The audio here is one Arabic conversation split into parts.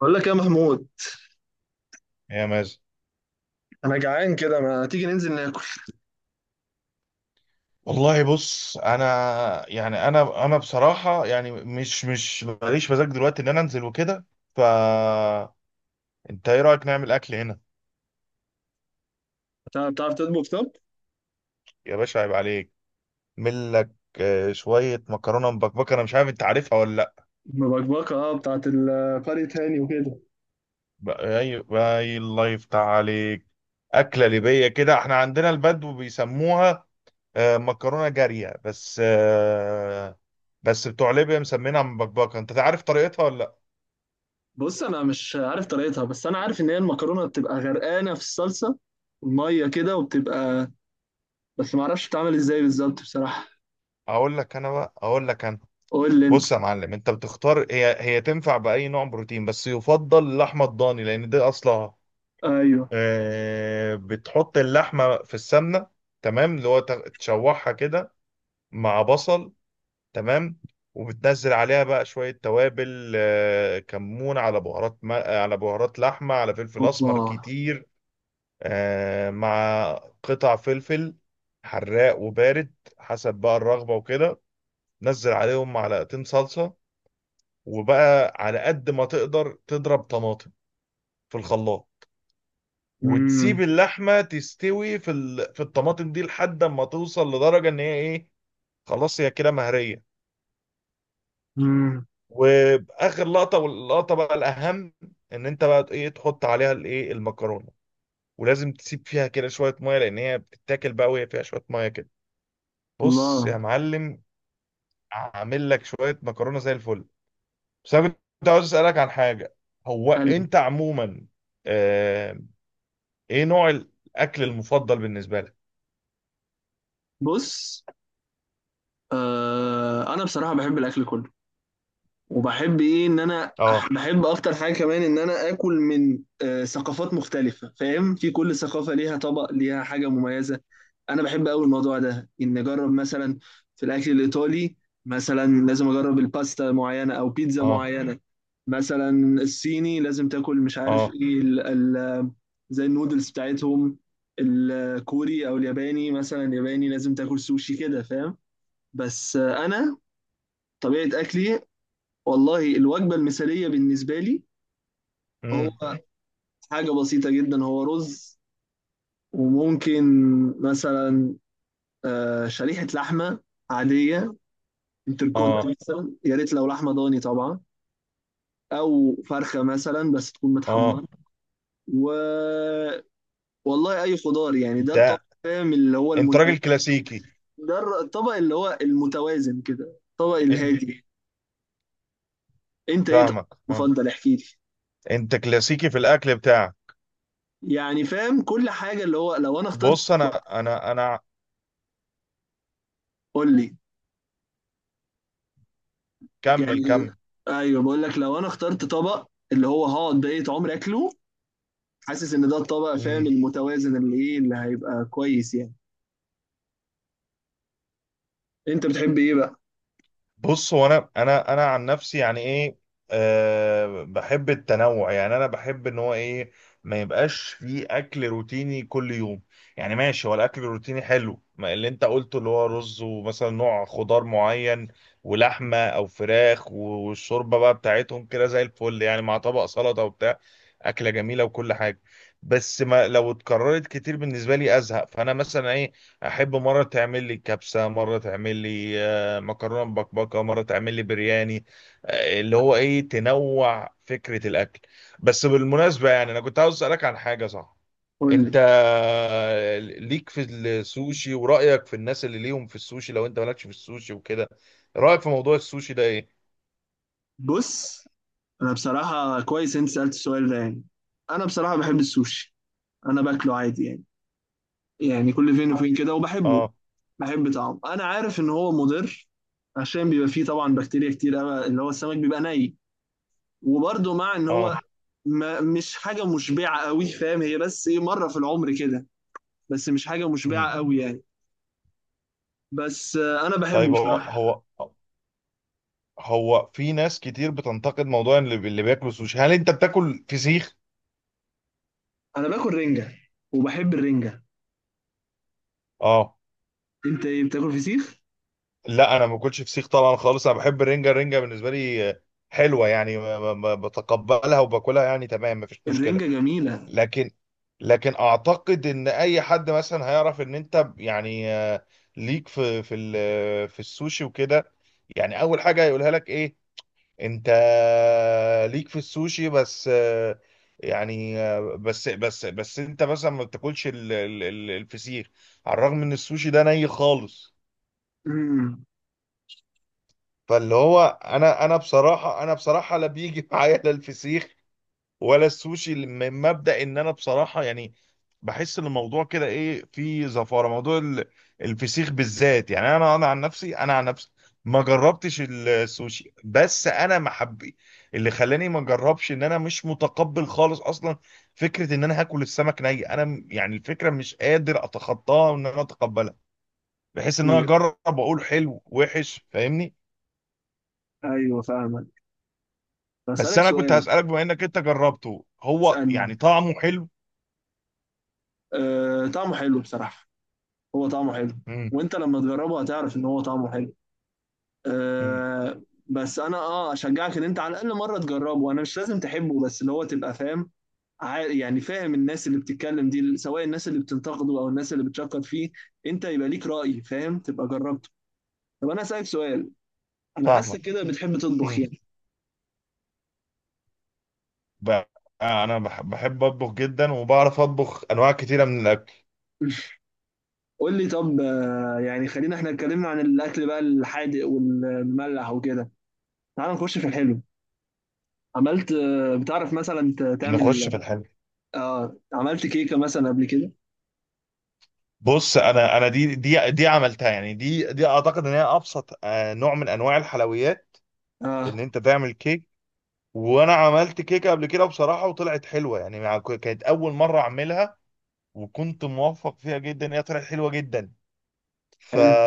بقول لك يا محمود، يا مازن. انا جعان كده، ما تيجي ننزل ناكل؟ والله بص انا، يعني انا بصراحه يعني مش ماليش مزاج دلوقتي ان انا انزل وكده. ف انت ايه رايك نعمل اكل هنا؟ بتعرف تطبخ؟ طب يا باشا عيب عليك! ملك. شويه مكرونه مبكبكه، انا مش عارف انت عارفها ولا لا. مبكبكه، اه، بتاعت قرية هاني وكده. اي. اي الله يفتح عليك. اكله ليبيه، كده احنا عندنا البدو بيسموها مكرونه جاريه، بس بس بتوع ليبيا مسمينها مبكبكه. انت عارف طريقتها ولا لا؟ بص انا مش عارف طريقتها، بس انا عارف ان هي المكرونه بتبقى غرقانه في الصلصه، الميه كده، وبتبقى، بس ما اعرفش بتتعمل ازاي بالظبط بصراحه. اقول لك انا، بقى اقول لك انا، قول لي انت. بص يا معلم، انت بتختار، هي تنفع باي نوع بروتين، بس يفضل اللحمه الضاني لان ده اصلها. ايوه. بتحط اللحمه في السمنه، تمام، اللي هو تشوحها كده، مع بصل، تمام، وبتنزل عليها بقى شويه توابل، كمون، على بهارات على بهارات لحمه، على فلفل اوبا. اسمر كتير، مع قطع فلفل حراق وبارد حسب بقى الرغبه وكده. نزل عليهم معلقتين صلصه، وبقى على قد ما تقدر تضرب طماطم في الخلاط، وتسيب امم. اللحمه تستوي في في الطماطم دي لحد ما توصل لدرجه ان هي ايه، خلاص هي كده مهريه. امم. واخر لقطه، واللقطه بقى الاهم، ان انت بقى ايه تحط عليها الايه المكرونه. ولازم تسيب فيها كده شويه ميه لان هي بتتاكل بقى وهي فيها شويه ميه كده. بص الله. يا معلم، اعمل لك شويه مكرونه زي الفل. بس انا كنت عاوز اسالك عن حاجه. هو قلبي. انت عموما آه، ايه نوع الاكل المفضل بالنسبه لك؟ بص، آه، انا بصراحه بحب الاكل كله، وبحب ايه، ان انا اه. بحب اكتر حاجه كمان ان انا اكل من ثقافات مختلفه، فاهم؟ في كل ثقافه ليها طبق، ليها حاجه مميزه. انا بحب قوي الموضوع ده، ان اجرب مثلا في الاكل الايطالي مثلا لازم اجرب الباستا معينه او بيتزا اه. معينه. مثلا الصيني لازم تاكل مش عارف اه. ايه ال زي النودلز بتاعتهم. الكوري او الياباني، مثلا الياباني لازم تاكل سوشي، كده، فاهم؟ بس انا طبيعه اكلي، والله الوجبة المثالية بالنسبة لي هو امم حاجة بسيطة جدا، هو رز، وممكن مثلا شريحة لحمة عادية، انتركوت اه. مثلا، يا ريت لو لحمة ضاني طبعا، أو فرخة مثلا بس تكون متحمرة، اه. و والله أي خضار، يعني ده الطبق ده فاهم اللي هو انت راجل كلاسيكي. ده الطبق اللي هو المتوازن كده، الطبق انت الهادي. أنت إيه طبق فاهمك فاهم. مفضل؟ احكي لي. انت كلاسيكي في الاكل بتاعك. يعني فاهم كل حاجة، اللي هو لو أنا اخترت بص طبق. انا. قول لي كمل. يعني. ايوه، بقول لك لو انا اخترت طبق اللي هو هقعد بقية عمري اكله، حاسس ان ده الطبق فاهم كمل. المتوازن اللي ايه اللي هيبقى كويس يعني. انت بتحب ايه بقى؟ بص، هو انا عن نفسي، يعني ايه، أه بحب التنوع، يعني انا بحب ان هو ايه، ما يبقاش في اكل روتيني كل يوم. يعني ماشي، هو الاكل الروتيني حلو، ما اللي انت قلته، اللي هو رز ومثلا نوع خضار معين ولحمه او فراخ والشوربه بقى بتاعتهم كده زي الفل يعني، مع طبق سلطه وبتاع، اكله جميله وكل حاجه. بس ما لو اتكررت كتير بالنسبه لي ازهق. فانا مثلا ايه، احب مره تعمل لي كبسه، مره تعمل لي مكرونه مبكبكه، مره تعمل لي برياني، اللي هو ايه، تنوع فكره الاكل. بس بالمناسبه، يعني انا كنت عاوز اسالك عن حاجه صح. قول لي. انت ليك في السوشي، ورايك في الناس اللي ليهم في السوشي، لو انت مالكش في السوشي وكده، رايك في موضوع السوشي ده ايه؟ بص انا بصراحة كويس انت سألت السؤال ده، يعني انا بصراحة بحب السوشي، انا باكله عادي يعني، يعني كل فين وفين كده وبحبه. اه. بحب طعمه، انا عارف ان هو مضر عشان بيبقى فيه طبعا بكتيريا كتير قوي، اللي هو السمك بيبقى ني، وبرده مع ان هو اه. ما مش حاجة مشبعة قوي، فاهم؟ هي بس ايه، مرة في العمر كده، بس مش حاجة مشبعة مم. قوي يعني. بس أنا بحبه طيب، هو بصراحة. هو هو في ناس كتير بتنتقد موضوع اللي بياكلوا سوشي. هل انت بتاكل فسيخ؟ أنا باكل رنجة وبحب الرنجة. اه. أنت إيه، بتاكل فسيخ؟ لا انا ما باكلش فسيخ طبعا خالص، انا بحب الرنجه، الرنجه بالنسبه لي حلوه يعني، بتقبلها وباكلها يعني، تمام، مفيش مشكله. الرنجة جميلة. لكن، لكن اعتقد ان اي حد مثلا هيعرف ان انت يعني ليك في في السوشي وكده، يعني اول حاجه هيقولها لك ايه، انت ليك في السوشي، بس يعني بس انت مثلا ما بتاكلش الفسيخ، على الرغم ان السوشي ده ني خالص. امم. فاللي هو انا بصراحه، انا بصراحه لا بيجي معايا لا الفسيخ ولا السوشي، من مبدا ان انا بصراحه يعني بحس ان الموضوع كده ايه، فيه زفاره، موضوع الفسيخ بالذات. يعني انا عن نفسي، انا عن نفسي ما جربتش السوشي، بس انا محبي اللي خلاني ما اجربش ان انا مش متقبل خالص اصلا فكره ان انا هاكل السمك ني. انا يعني الفكره مش قادر اتخطاها وان انا اتقبلها بحيث ان انا اجرب واقول حلو وحش، فاهمني. أيوه فاهمك. بس بسألك انا كنت سؤال. هسألك، بما انك انت جربته، هو اسألني. يعني طعمه حلو؟ أه، طعمه حلو بصراحة، هو طعمه حلو. امم. وأنت لما تجربه هتعرف إن هو طعمه حلو. امم. أه. بس أنا أه أشجعك إن أنت على الأقل مرة تجربه، أنا مش لازم تحبه، بس اللي هو تبقى فاهم يعني فاهم الناس اللي بتتكلم دي، سواء الناس اللي بتنتقده او الناس اللي بتشكر فيه، انت يبقى ليك رأي فاهم، تبقى جربته. طب انا اسالك سؤال، انا حاسس فاهمك. كده بتحب تطبخ امم. يعني. بقى، انا بحب اطبخ جدا وبعرف اطبخ انواع كتيره من الاكل. قول لي طب، يعني خلينا، احنا اتكلمنا عن الاكل بقى الحادق والمملح وكده، تعال نخش في الحلو. عملت بتعرف مثلا نخش تعمل، في الحلو. اه، عملت كيكة مثلا قبل كده؟ بص، انا انا دي عملتها يعني، دي اعتقد ان هي ابسط نوع من انواع الحلويات، ان اه. انت تعمل كيك. وانا عملت كيكه قبل كده بصراحه وطلعت حلوه يعني، كانت اول مره اعملها وكنت موفق فيها جدا، هي طلعت حلوه جدا. ف... حلو.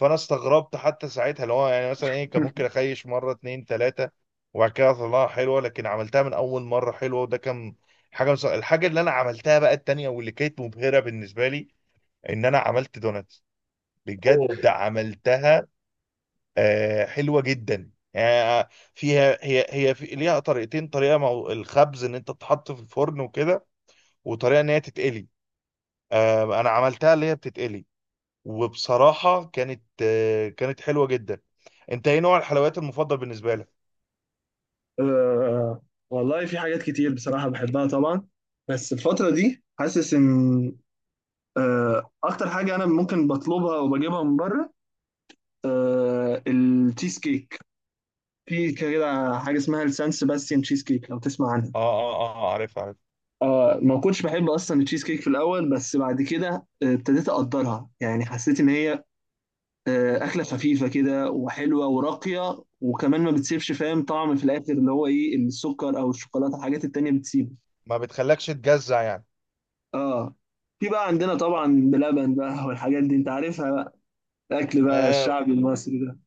فانا استغربت حتى ساعتها، اللي هو يعني مثلا ايه، كان ممكن اخيش مره اتنين تلاته وبعد كده اطلعها حلوه، لكن عملتها من اول مره حلوه. وده كان حاجه الحاجه اللي انا عملتها بقى التانيه واللي كانت مبهره بالنسبه لي، ان انا عملت دوناتس، أوه. بجد عملتها. آه حلوه جدا يعني، فيها، هي في ليها طريقتين، طريقه الخبز ان انت تتحط في الفرن وكده، وطريقه ان هي تتقلي. آه انا عملتها اللي هي بتتقلي، وبصراحه كانت آه كانت حلوه جدا. انت ايه نوع الحلويات المفضل بالنسبه لك؟ آه والله في حاجات كتير بصراحة بحبها طبعا، بس الفترة دي حاسس إن اكتر حاجه انا ممكن بطلبها وبجيبها من بره التشيز كيك. في كده حاجه اسمها السان سيباستيان تشيز كيك، لو تسمع عنها. اه. اه. اه عارف عارف. اه. ما كنتش بحب اصلا التشيز كيك في الاول، بس بعد كده ابتديت اقدرها، يعني حسيت ان هي اكله خفيفه كده وحلوه وراقيه، وكمان ما بتسيبش فاهم طعم في الاخر، اللي هو ايه السكر او الشوكولاته، الحاجات التانيه بتسيبه. ما بتخلكش تجزع يعني. اه. في بقى عندنا طبعا بلبن بقى والحاجات دي، انت عارفها بقى، الاكل بقى آه. الشعبي المصري ده.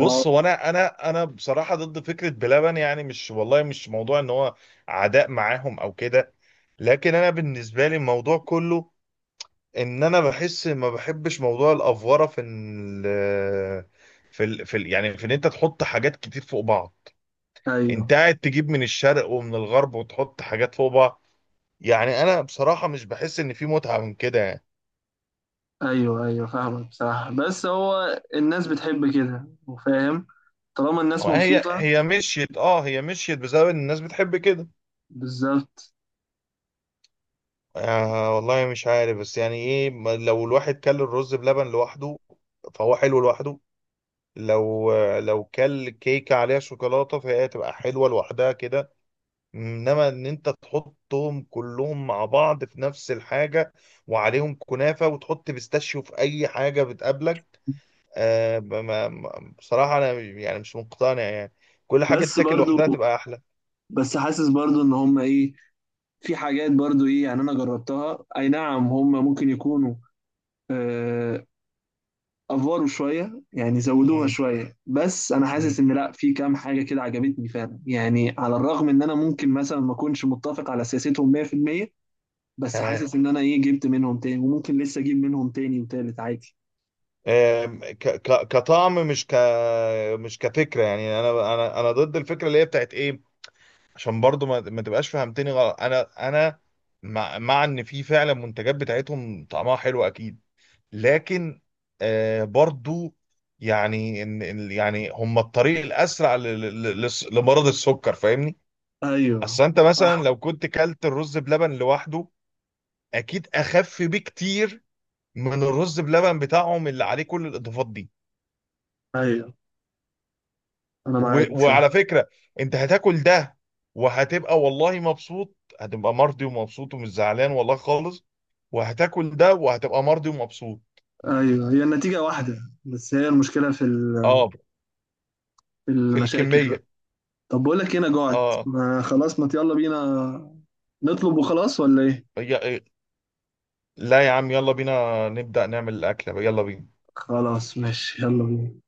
العو- هو انا بصراحه ضد فكره بلبن. يعني مش والله مش موضوع ان هو عداء معاهم او كده، لكن انا بالنسبه لي الموضوع كله ان انا بحس ما بحبش موضوع الافوره في ال يعني في ان انت تحط حاجات كتير فوق بعض. انت ايوه قاعد تجيب من الشرق ومن الغرب وتحط حاجات فوق بعض، يعني انا بصراحه مش بحس ان في متعه من كده يعني. ايوه فاهمك بصراحة، بس هو الناس بتحب كده وفاهم، طالما الناس هي مبسوطة. هي مشيت، اه هي مشيت بسبب ان الناس بتحب كده. بالظبط. آه والله مش عارف، بس يعني ايه، لو الواحد كل الرز بلبن لوحده فهو حلو لوحده. لو، لو كل كيكة عليها شوكولاتة فهي تبقى حلوة لوحدها كده، انما ان انت تحطهم كلهم مع بعض في نفس الحاجة وعليهم كنافة وتحط بيستاشيو في اي حاجة بتقابلك، بصراحة انا يعني مش مقتنع يعني، كل حاجة بس تتاكل برضو، لوحدها تبقى احلى. بس حاسس برضو ان هم ايه، في حاجات برضو ايه، يعني انا جربتها، اي نعم هم ممكن يكونوا آه افوروا شوية، يعني زودوها امم. شوية، بس انا حاسس إمم. ان لا، في كام حاجة كده عجبتني فعلا، يعني على الرغم ان انا ممكن مثلا ما اكونش متفق على سياستهم 100%، بس تمام. حاسس ان انا ايه جبت منهم تاني وممكن لسه اجيب منهم تاني وتالت عادي. آم، كطعم، مش كفكره. يعني انا ضد الفكره اللي هي بتاعت ايه، عشان برضو ما تبقاش فهمتني غلط. انا مع ان في فعلا منتجات بتاعتهم طعمها حلو اكيد، لكن آه برضو يعني يعني هم الطريق الاسرع لمرض السكر، فاهمني. ايوه. اصل انت مثلا صح. لو كنت كلت الرز بلبن لوحده اكيد اخف بكتير من الرز بلبن بتاعهم اللي عليه كل الاضافات دي. ايوه انا معاك بصراحه. وعلى فكرة، انت هتاكل ده وهتبقى والله مبسوط، هتبقى مرضي ومبسوط ومش زعلان والله خالص. وهتاكل ده وهتبقى مرضي ومبسوط. ايوه هي النتيجه واحده، بس هي المشكله في اه. في في المشاكل بقى. الكمية. طب بقول لك إيه، انا جوعت اه. ما خلاص، ما يلا بينا نطلب وخلاص، ولا ايه؟ يا... لا يا عم، يلا بينا نبدأ نعمل الأكلة، يلا بينا. خلاص ماشي، يلا بينا.